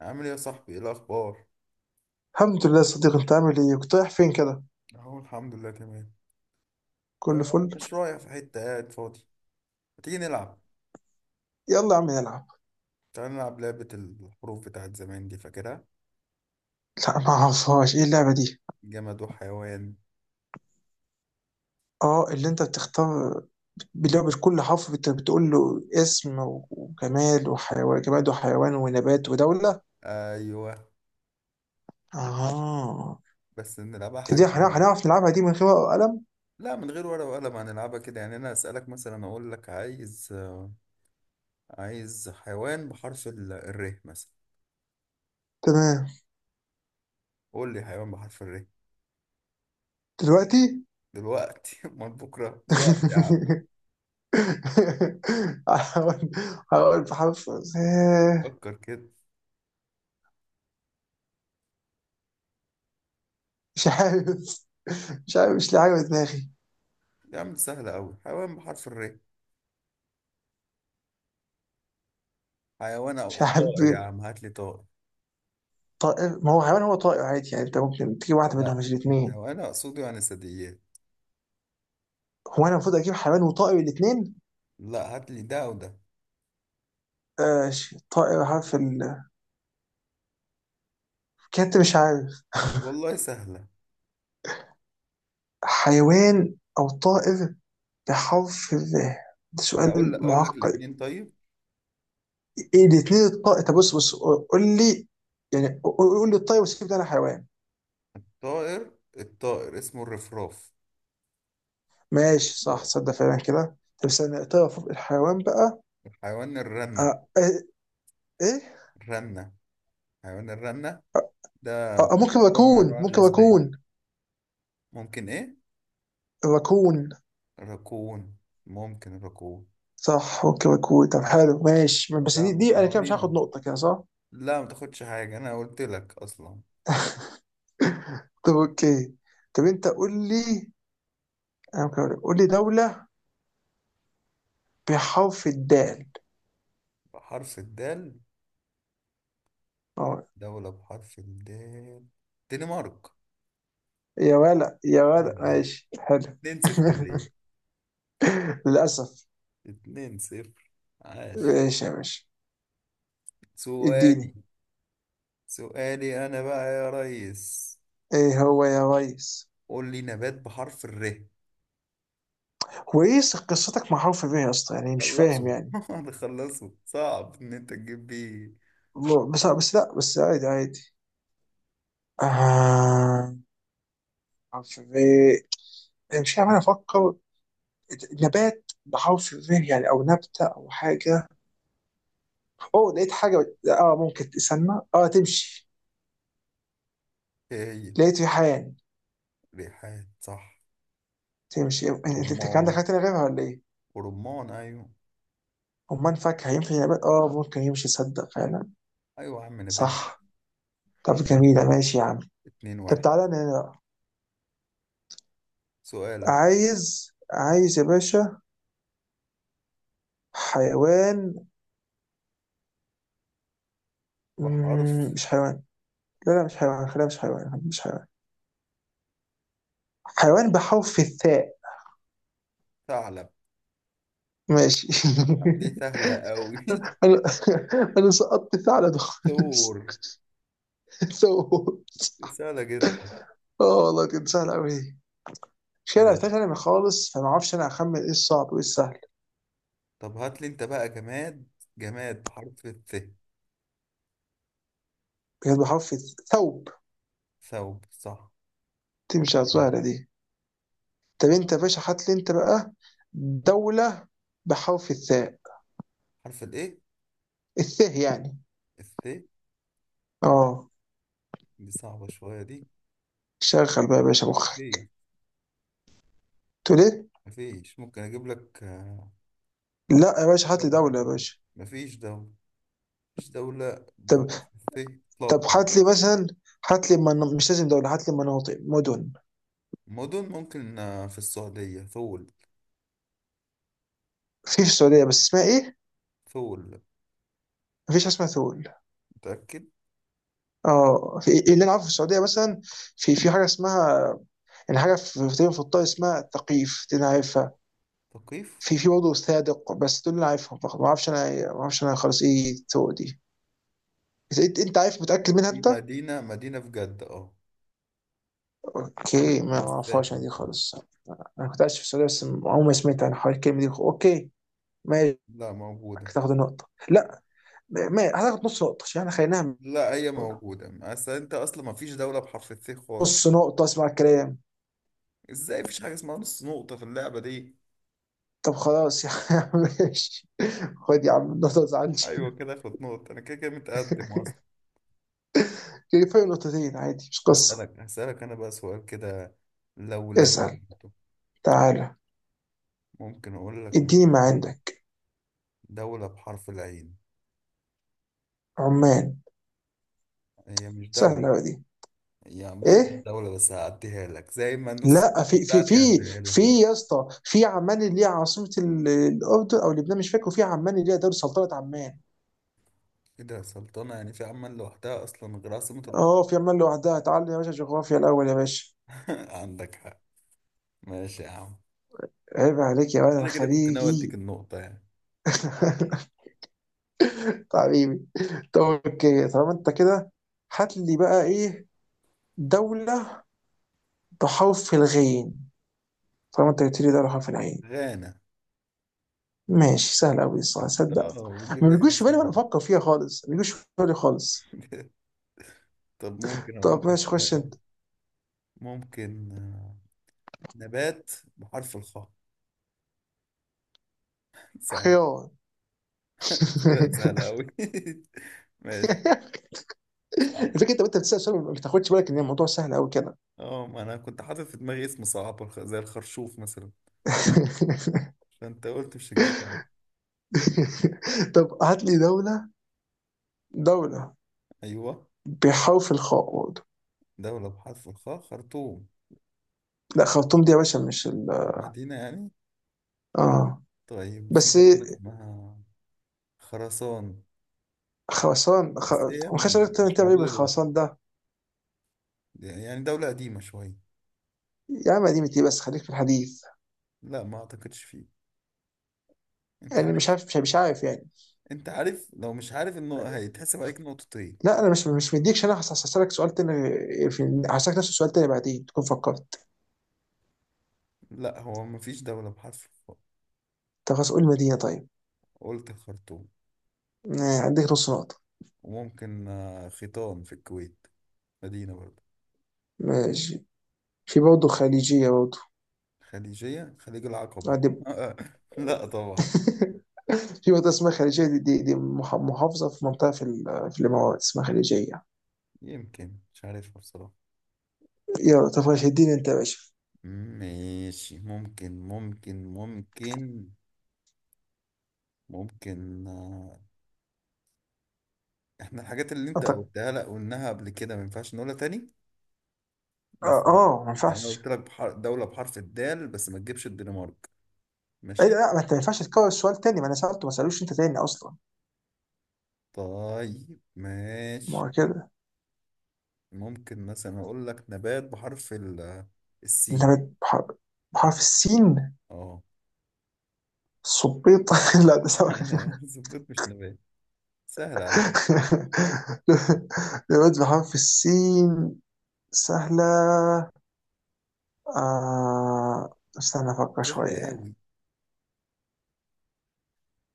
عامل ايه يا صاحبي؟ ايه الاخبار؟ الحمد لله صديق، انت عامل ايه؟ كنت رايح فين كده؟ اهو الحمد لله تمام. كله فل. مش رايح في حته، قاعد فاضي. ما تيجي نلعب؟ يلا يا عم نلعب. تعال نلعب لعبه الحروف بتاعت زمان دي، فاكرها؟ لا ما اعرفهاش، ايه اللعبه دي؟ جماد وحيوان. اه اللي انت بتختار. بلعبة كل حرف بتقول له اسم وجمال وحيوان، جماد وحيوان ونبات ودولة. ايوه. اه بس نلعبها دي حاجه حاجة. هنعرف نلعبها دي من غير ورقة وقلم؟ لا، من غير ورقه وقلم هنلعبها كده. يعني انا اسالك مثلا، اقول لك عايز عايز حيوان بحرف الر مثلا. تمام. قول لي حيوان بحرف الر. دلوقتي. دلوقتي؟ امال بكره؟ دلوقتي يا عم. هقول، هقول بحرف فكر كده. مش عارف. مش عارف، مش لاقي حاجة في دماغي. يا عم دي سهله قوي. حيوان بحرف الر. حيوان او مش عارف. طائر، يا عم هات لي طائر. طائر ما هو حيوان، هو طائر عادي يعني، انت ممكن تجيب واحده منهم لا. مش الاثنين. هو انا اقصده يعني ثدييات. هو انا المفروض اجيب حيوان وطائر الاثنين؟ لا، هات لي ده او ده. آه طائر حرف ال. كنت مش عارف. والله سهله. حيوان او طائر بحرف ال. ده انا اقول سؤال لك اقول لك معقد. الاثنين طيب. ايه الاثنين؟ الطائر طب بص قول لي، يعني قول لي الطائر وسيب ده، انا حيوان. طائر. الطائر اسمه الرفراف. ماشي صح، صدق فعلا كده. طب استنى، الطائر فوق، الحيوان بقى. حيوان الرنه. آه، آه، ايه؟ الرنه. حيوان الرنه. ده ممكن نوع من ركون، انواع ممكن الغزلان. ركون. ممكن ايه؟ ركون. راكون. ممكن راكون. صح، اوكي مكوي. طب حلو ماشي، طب بس يا دي عم، دي انا كده مش حيوانين اهو. هاخد نقطة كده صح؟ لا ما تاخدش حاجه، انا قلت لك اصلا. طب اوكي. طب انت قول لي. انا ممكن أقول لك. قول لي دولة بحرف الدال. بحرف الدال. اه دوله بحرف الدال. دنمارك. يا ولا، يا ولا سهله دي. ماشي حلو. 2-0. للأسف. اتنين صفر. عاش. ماشي يا باشا. سؤالي. اديني. سؤالي أنا بقى يا ريس. ايه هو يا ريس؟ قول لي نبات بحرف الر. هو ايه قصتك مع حرف ب يا اسطى؟ يعني مش فاهم خلصوا. يعني. خلصوا. صعب إن أنت تجيب بيه. الله، بس لا بس عادي عادي. آه، حرف ب. مش عارف، انا افكر. نبات، بحاول في ذهني يعني، او نبته او حاجه. اوه لقيت حاجه. اه ممكن تستنى. اه تمشي. إيه هي؟ لقيت ريحان. ريحان صح. تمشي انت. أنت كان عندك رمان. حاجه تانية غيرها ولا ايه؟ ورمان أيوه. امال فاكهه ينفع نبات؟ اه ممكن يمشي، صدق فعلا. أيوه يا عم نبات. صح. طب ماشي يا جميله، عم. ماشي يا عم. اتنين طب واحد. تعالى انا هنا. سؤالك. عايز، عايز يا باشا حيوان. بحرف. مش حيوان. لا مش حيوان، خليها مش حيوان، مش حيوان. حيوان بحرف الثاء. ثعلب. ماشي. يا عم دي سهلة أوي. انا، انا سقطت ثعلب خالص. ثور. دي سوت. سهلة جدا. اه والله كانت سهله قوي. مش انا عرفتهاش ماشي. انا من خالص، فما اعرفش انا اخمن ايه الصعب وايه السهل. طب هات لي أنت بقى جماد. جماد بحرف الث. كانت بحرف ثوب. ثوب صح. تمشي على السهله دي. طب انت يا باشا هات لي انت بقى دوله بحرف الثاء. حرف الايه؟ الثاء يعني. الث. اه. دي صعبة شوية دي. شغل بقى يا باشا مفيش. مخك. تقول ايه؟ مفيش، ممكن اجيب لك لا يا باشا لا هات لي لا دوله يا باشا. مفيش مفيش دولة. مفيش دولة طب، بحرف الث. طب اطلاقا. هات لي مثلا، هات لي من... مش لازم دوله، هات لي مناطق مدن. مدن، ممكن في السعودية ثول. في في السعوديه، بس اسمها ايه؟ ثول. مفيش حاجه اسمها ثول. متأكد؟ اه في إيه اللي انا عارفه في السعوديه مثلا، في في حاجه اسمها، يعني حاجه في الطائف اسمها ثقيف، دي انا عارفها. ثقيف. في في برضه صادق، بس دول اللي انا عارفهم فقط، ما اعرفش انا، ما اعرفش انا خالص ايه ثول دي. انت عارف متاكد منها دي انت؟ مدينة مدينة في جدة اه. اوكي، ما على ما اعرفهاش انا الساحل. دي خالص. انا كنت عايش في السعوديه بس عمري ما سمعت عن حوار الكلمه دي. اوكي ماشي. لا، موجودة. هتاخد النقطه؟ لا، ما هتاخد نص نقطه عشان احنا خليناها من لا، هي الأول. موجودة. أصل أنت أصلا مفيش دولة بحرف الث خالص. نص نقطه اسمع الكلام. إزاي مفيش حاجة اسمها نص نقطة في اللعبة دي؟ طب خلاص يا عم، ماشي. خد يا عم النقطة، زعلتش. ايوه كده اخد نقطة، انا كده كده متقدم اصلا. فرق نقطتين عادي، مش قصة. اسألك انا بقى سؤال كده. لو اسأل. لبنته. تعالى ممكن اقول لك اديني ما مثلا. عندك. دولة بحرف العين. عمان. هي مش سهلة دولة. أوي دي. هي عمان مش ايه؟ دولة، بس هعديها لك زي ما النص لا النقطة في في بتاعتي في هعديها لك في نقطة. يا اسطى، في عمان اللي هي عاصمة الأردن أو لبنان مش فاكر، وفي عمان اللي هي دولة سلطنة عمان. كده يا سلطانة؟ يعني في عمان لوحدها اصلا غير عاصمة الأردن. اه في عمان لوحدها، تعالى يا باشا جغرافيا الأول يا باشا. عندك حق. ماشي يا عم. عيب عليك يا ولد، أنا كده كده كنت ناوي اديك خليجي. النقطة يعني. حبيبي. طب اوكي طالما انت كده، هات لي بقى ايه، دولة تحف الغين، طالما انت قلت لي ده تحف العين. غانا. ماشي سهل قوي الصراحه انت صدق. بتجيب ما لي حاجات بيجوش في بالي سهلة. وانا بفكر فيها خالص، ما بيجوش في بالي خالص. طب ممكن اقول طب لك ماشي خش بقى. انت. ممكن. نبات بحرف الخاء. صعب. خيار. طلعت سهلة أوي. ماشي. صح. الفكره انت وانت بتسال سؤال ما بتاخدش بالك ان الموضوع سهل قوي كده. اه، ما أنا كنت حاطط في دماغي اسم صعب زي الخرشوف مثلا. فأنت قلت مش هتجيبه. طب هات لي دوله، دوله أيوه. بحرف الخاء برضه. دولة بحرف الخاء. خرطوم. لا خرطوم دي يا باشا مش ال. مدينة يعني. اه طيب في بس دولة اسمها خراسان. خرسان خ... بس هي ما خدش بالك، تعمل، مش تعمل ايه موجودة دلوقتي. بالخرسان ده؟ يعني دولة قديمة شوية. يا عم قديمة ايه، بس خليك في الحديث. لا، ما أعتقدش فيه. أنت يعني مش عارف. عارف، مش عارف يعني. أنت عارف لو مش عارف إنه هيتحسب عليك نقطتين. لا انا مش مديكش، انا هسألك سؤال تاني في هسألك نفس السؤال تاني بعدين تكون فكرت. لا، هو مفيش دولة بحرف الخاء. طب خلاص قول مدينة طيب. قلت الخرطوم. عندك نص نقطة. وممكن خيطان في الكويت. مدينة برضه. ماشي. في برضه خليجية برضه. خليجية؟ خليج العقبة. دي. لا طبعا. في منطقة اسمها خليجية، دي محافظة، في منطقة في الإمارات اسمها خليجية. يمكن مش عارفها بصراحة. يلا طب ماشي، اديني أنت يا باشا. ماشي. ممكن ممكن احنا الحاجات اللي انت أنت. قلتها، لا قلناها قبل كده، ما ينفعش نقولها تاني. بس ما يعني انا قلت ينفعش. لك دولة بحرف الدال، بس ما تجيبش الدنمارك. إيه ده؟ ماشي. لا ما أنت ما ينفعش تكرر السؤال تاني، ما أنا سألته، ما سألوش أنت تاني أصلا. طيب ما ماشي. هو كده. ممكن مثلا اقول لك نبات بحرف أنت السين. بحرف السين. اه. صبيط. لا ده سوا. زبيط مش نبات. سهلة على فكرة. دلوقتي بحرف في السين. سهلة. آه استنى أفكر سهلة شوية يعني. قوي.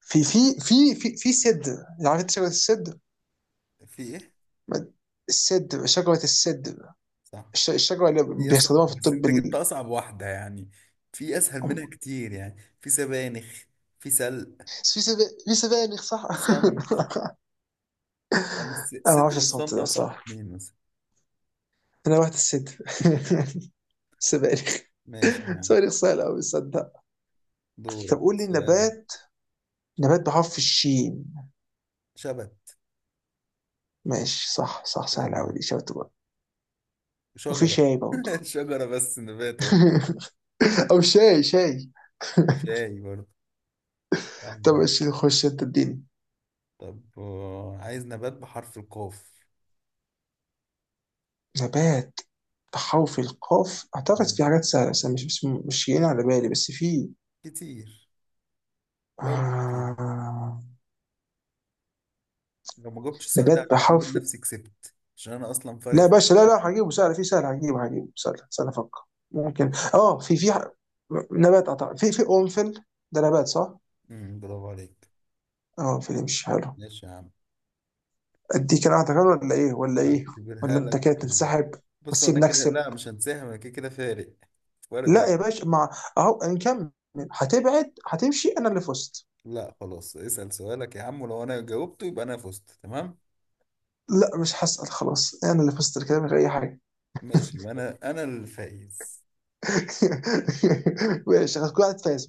في سدر، عارف أنت شجرة السدر؟ في ايه؟ ما- السدر، شجرة السدر. صح. الشجرة اللي هي بيستخدموها صح، في بس الطب انت جبت ال... اصعب واحدة يعني. في اسهل منها كتير، يعني في سبانخ. في سلق. في سب... في سبانخ صح؟ في صمت. يعني أنا ما أعرفش صدر الصوت والصمت ده اصعب صح. اتنين مثلا. أنا رحت السدر. سبانخ. ماشي يعني. سبانخ سهلة أوي صدق. طب دورك قول لي سؤالك. نبات، نبات بحرف الشين. شبت. ماشي، صح صح، سهلة سهل أوي دي. دي، شاطر بقى. وفي شجرة. شاي برضه. شجرة بس نبات اهو. أو شاي. شاي برضه. سهلة طب دي. ماشي خش أنت اديني. طب عايز نبات بحرف القاف. نبات بحرف القاف أعتقد في حاجات سهلة، بس أنا مش جايين على بالي، بس في كتير. برضه كتير. آه... لو ما جبتش السؤال ده نبات اعتبر بحرف، نفسي كسبت، عشان انا اصلا فارق لا يا في باشا لا واحد. هجيبه سهل، في سهل، هجيبه، هجيبه سهل، سهل أفكر. ممكن اه في نبات أعتقد في في قرنفل، ده نبات صح؟ برافو عليك. اه قرنفل مش حلو. ماشي يا عم. أديك أنا واحدة كمان ولا إيه ولا إيه، ولا اعتبرها أنت لك. كده تنسحب بص، هو انا وتسيبني كده أكسب؟ لا مش هنسحب، انا كده كده فارق. فارق لا يا واحد. باشا، مع، اهو نكمل، هتبعد هتمشي انا اللي فزت. لا خلاص اسأل سؤالك يا عم، ولو انا جاوبته يبقى انا فزت تمام. لا مش هسأل خلاص، انا اللي فزت الكلام من غير اي حاجه. ماشي، يبقى انا الفائز. ماشي خلاص، كل واحد فايز.